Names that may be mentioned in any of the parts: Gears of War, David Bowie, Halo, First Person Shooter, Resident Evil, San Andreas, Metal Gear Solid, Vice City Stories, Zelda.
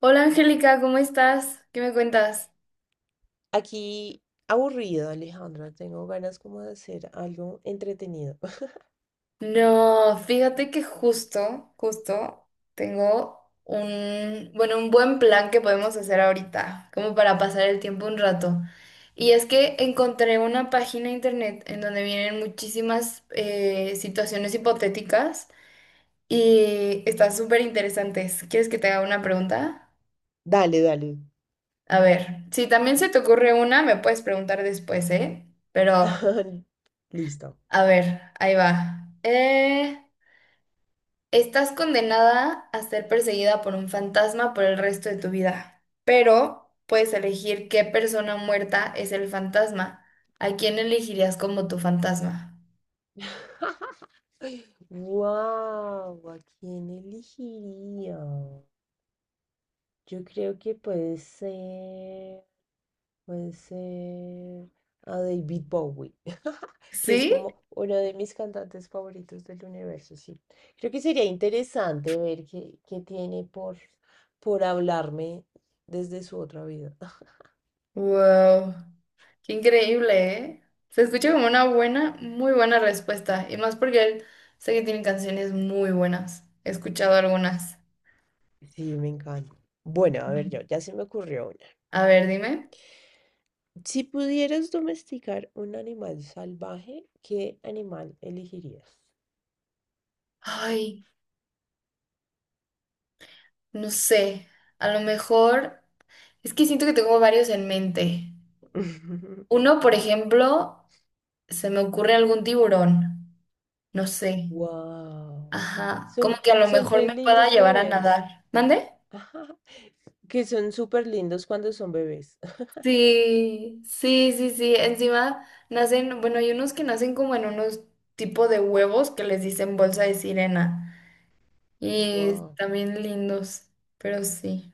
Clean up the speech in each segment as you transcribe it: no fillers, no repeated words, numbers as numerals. Hola Angélica, ¿cómo estás? ¿Qué me cuentas? Aquí aburrido, Alejandra. Tengo ganas como de hacer algo entretenido. No, fíjate que justo tengo un buen plan que podemos hacer ahorita, como para pasar el tiempo un rato. Y es que encontré una página de internet en donde vienen muchísimas situaciones hipotéticas y están súper interesantes. ¿Quieres que te haga una pregunta? Dale, dale. A ver, si también se te ocurre una, me puedes preguntar después, ¿eh? Pero, Listo. a ver, ahí va. Estás condenada a ser perseguida por un fantasma por el resto de tu vida, pero puedes elegir qué persona muerta es el fantasma. ¿A quién elegirías como tu fantasma? Wow, ¿a quién elegiría? Yo creo que puede ser a David Bowie, que es ¿Sí? como uno de mis cantantes favoritos del universo, sí. Creo que sería interesante ver qué tiene por hablarme desde su otra vida. ¡Wow! ¡Qué increíble, eh! Se escucha como una buena, muy buena respuesta, y más porque él sé que tiene canciones muy buenas. He escuchado algunas. Sí, me encanta. Bueno, a ver yo, Mm. ya se me ocurrió una. A ver, dime. Si pudieras domesticar un animal salvaje, ¿qué animal elegirías? Ay, no sé. A lo mejor es que siento que tengo varios en mente. Uno, por ejemplo, se me ocurre algún tiburón. No sé. Wow. Ajá. Como Son, que a lo son mejor re me pueda lindos llevar a bebés. nadar. ¿Mande? Que son súper lindos cuando son bebés. Sí, sí, sí, sí. Encima nacen, bueno, hay unos que nacen como en unos tipo de huevos que les dicen bolsa de sirena. Y Wow, también lindos, pero sí.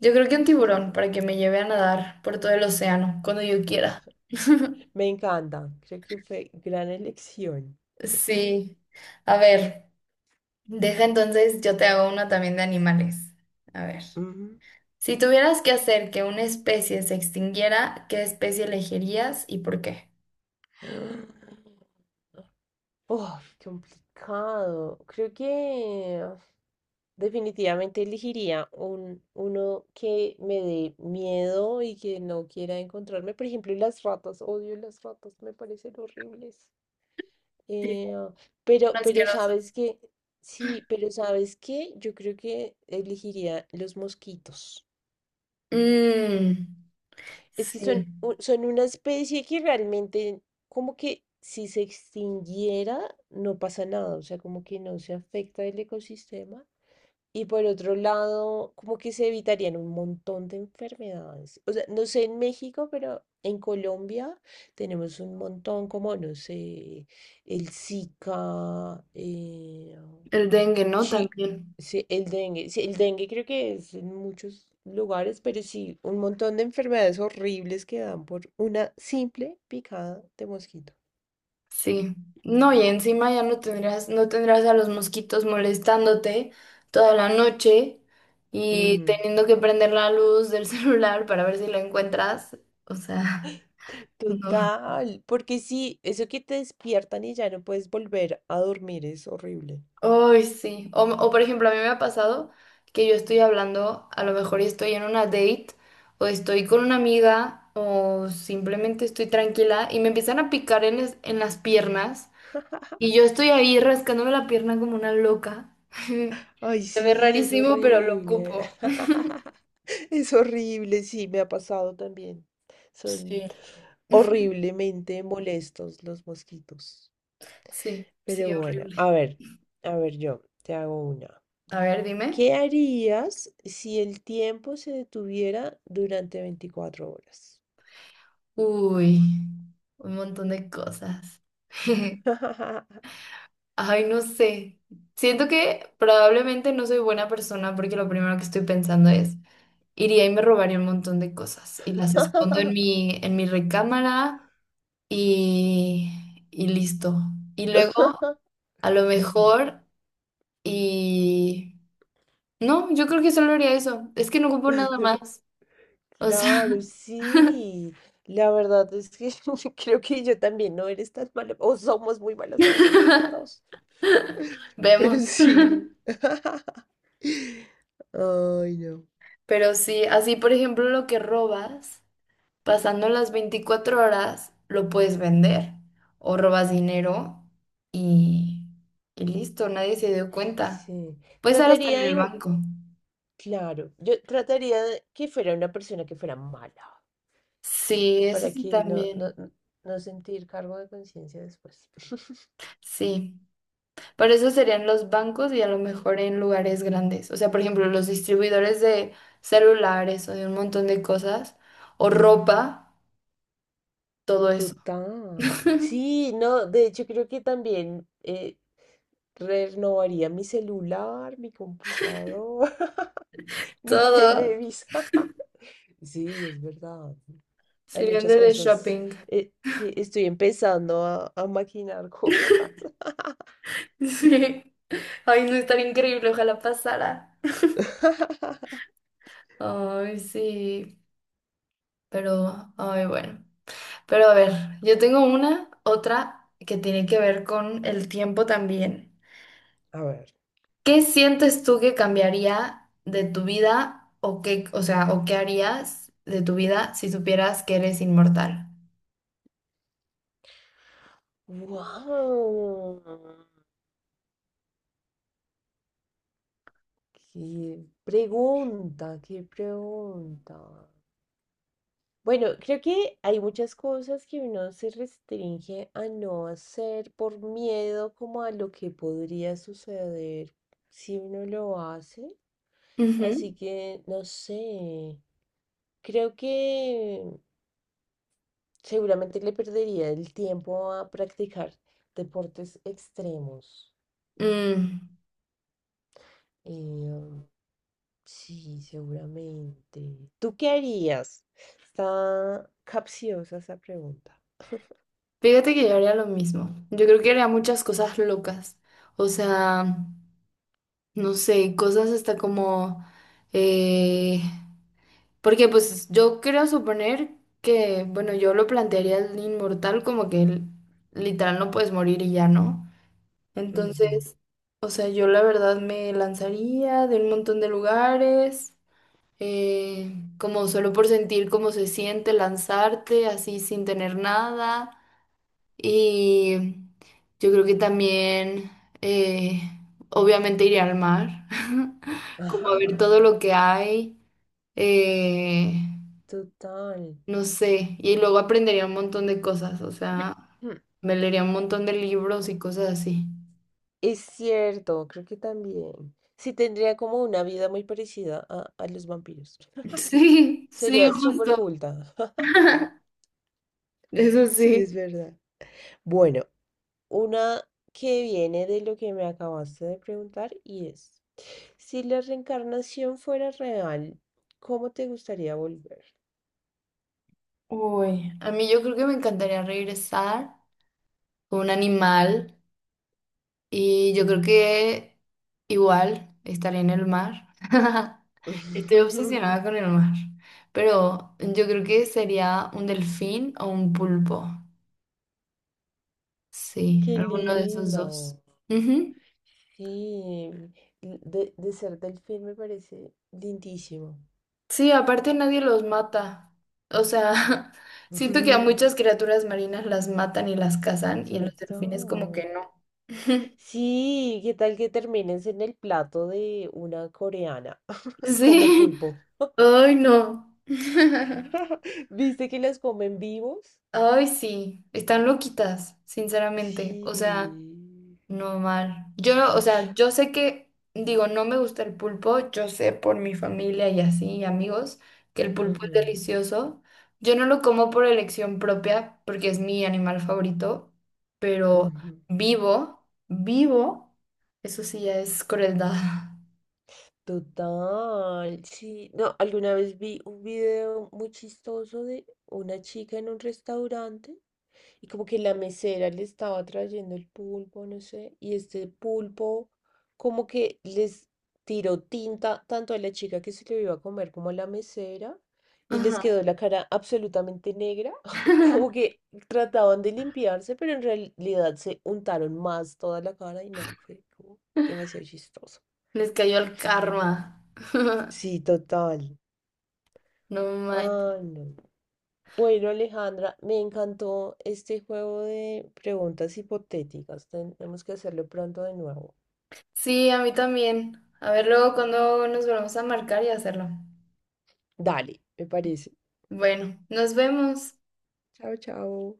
Yo creo que un tiburón para que me lleve a nadar por todo el océano, cuando yo quiera. me encanta. Creo que fue gran elección. Sí. A ver. Deja entonces, yo te hago uno también de animales. A ver. Ujú. Si tuvieras que hacer que una especie se extinguiera, ¿qué especie elegirías y por qué? Oh, complicado. Creo que definitivamente elegiría uno que me dé miedo y que no quiera encontrarme. Por ejemplo, las ratas. Odio las ratas, me parecen horribles. Sí, Eh, pero, son pero asquerosos. sabes que, sí, pero sabes que yo creo que elegiría los mosquitos. Mm, Es que sí. son una especie que realmente, como que si se extinguiera, no pasa nada, o sea, como que no se afecta el ecosistema. Y por otro lado, como que se evitarían un montón de enfermedades. O sea, no sé en México, pero en Colombia tenemos un montón, como, no sé, el Zika, El dengue, ¿no? sí, También. sí, el dengue. Sí, el dengue creo que es en muchos lugares, pero sí, un montón de enfermedades horribles que dan por una simple picada de mosquito. Sí. No, y encima ya no tendrás, no tendrás a los mosquitos molestándote toda la noche y Ujú. teniendo que prender la luz del celular para ver si la encuentras. O sea, no. Total, porque sí, eso que te despiertan y ya no puedes volver a dormir es horrible. Ay, sí. Por ejemplo, a mí me ha pasado que yo estoy hablando, a lo mejor estoy en una date o estoy con una amiga o simplemente estoy tranquila y me empiezan a picar en, en las piernas y yo estoy ahí rascándome la pierna como una loca. Ay, Se ve sí, es rarísimo, pero lo horrible. ocupo. Es horrible, sí, me ha pasado también. Son Sí. horriblemente molestos los mosquitos. Sí, sí, Pero bueno, horrible. A ver yo, te hago una. A ver, dime. ¿Qué harías si el tiempo se detuviera durante 24 horas? Uy, un montón de cosas. Ay, no sé. Siento que probablemente no soy buena persona porque lo primero que estoy pensando es, iría y me robaría un montón de cosas y las escondo en mi recámara y, y listo. Y luego, a lo Ujú. mejor, y... No, yo creo que solo haría eso. Es que no ocupo nada más. O sea, Claro, sí. La verdad es que creo que yo también no eres tan mala, o somos muy malas personas las dos. Pero vemos. sí. Ay, no. Pero sí, así por ejemplo lo que robas. Pasando las 24 horas, lo puedes vender o robas dinero y, y listo, nadie se dio cuenta. Sí. Puede estar hasta en Trataría de... el dibu- banco. Claro, yo trataría de que fuera una persona que fuera mala, Sí, eso para sí que no, no, también. no no sentir cargo de conciencia después. Sí, pero eso serían los bancos y a lo mejor en lugares grandes. O sea, por ejemplo, los distribuidores de celulares o de un montón de cosas o ropa, todo eso. Total. Sí, no, de hecho creo que también renovaría mi celular, mi computador, mi Todo televisor. Sí, es verdad. Hay serían muchas de cosas. shopping. Sí, estoy empezando a maquinar cosas. Sí. Ay, no, estaría increíble, ojalá pasara. Ay, sí, pero, ay, bueno. Pero a ver, yo tengo una, otra que tiene que ver con el tiempo también. A ver, ¿Qué sientes tú que cambiaría de tu vida o qué, o sea, o qué harías de tu vida si supieras que eres inmortal? ¡wow! ¡Qué pregunta! ¡Qué pregunta! Bueno, creo que hay muchas cosas que uno se restringe a no hacer por miedo como a lo que podría suceder si uno lo hace. Así Ujú. que, no sé, creo que seguramente le perdería el tiempo a practicar deportes extremos. Mm, Eh, sí, seguramente. ¿Tú qué harías? Está capciosa esa pregunta. Fíjate que yo haría lo mismo. Yo creo que haría muchas cosas locas. O sea, no sé, cosas hasta como... eh, Porque pues yo quiero suponer que, bueno, yo lo plantearía el inmortal como que literal no puedes morir y ya no. Ujú. Entonces, o sea, yo la verdad me lanzaría de un montón de lugares, como solo por sentir cómo se siente lanzarte así sin tener nada. Y yo creo que también, eh, obviamente iría al mar, como a ver Ajá, todo lo que hay. Eh, total. no sé, y luego aprendería un montón de cosas, o sea, Hmm, me leería un montón de libros y cosas así. es cierto, creo que también. Sí, tendría como una vida muy parecida a los vampiros. Sí, sí, Sería súper justo. culta. Eso Sí, sí. es verdad. Bueno, una que viene de lo que me acabaste de preguntar y es, si la reencarnación fuera real, ¿cómo te gustaría volver? Uy, a mí yo creo que me encantaría regresar con un animal y yo creo que igual estaría en el mar. Estoy obsesionada con el mar, pero yo creo que sería un delfín o un pulpo. Sí, Qué alguno de esos lindo. dos. Ujú. Sí, de ser delfín me parece lindísimo. Sí, aparte nadie los mata. O sea, siento que a muchas criaturas marinas las matan y las cazan y a los delfines como Total. que no. Sí, ¿qué tal que termines en el plato de una coreana como Sí. pulpo? Ay, no. ¿Viste que las comen vivos? Ay, sí. Están loquitas, sinceramente. O sea, Sí. no mal. Yo no, o sea, yo sé que, digo, no me gusta el pulpo, yo sé por mi familia y así, y amigos, que el pulpo es Ujú, delicioso. Yo no lo como por elección propia, porque es mi animal favorito, pero ujú. vivo, vivo, eso sí ya es crueldad. Total, sí. No, alguna vez vi un video muy chistoso de una chica en un restaurante y como que la mesera le estaba trayendo el pulpo, no sé, y este pulpo como que les tiró tinta tanto a la chica que se lo iba a comer como a la mesera y les Ajá. quedó la cara absolutamente negra, como que trataban de limpiarse, pero en realidad se untaron más toda la cara y no, fue como demasiado chistoso. Les cayó el karma. Sí, total. No mal. Ah, no. Bueno, Alejandra, me encantó este juego de preguntas hipotéticas. Tenemos que hacerlo pronto de nuevo. Sí, a mí también. A ver luego cuando nos volvemos a marcar y hacerlo. Dale, me parece. Bueno, nos vemos. Chao, chao.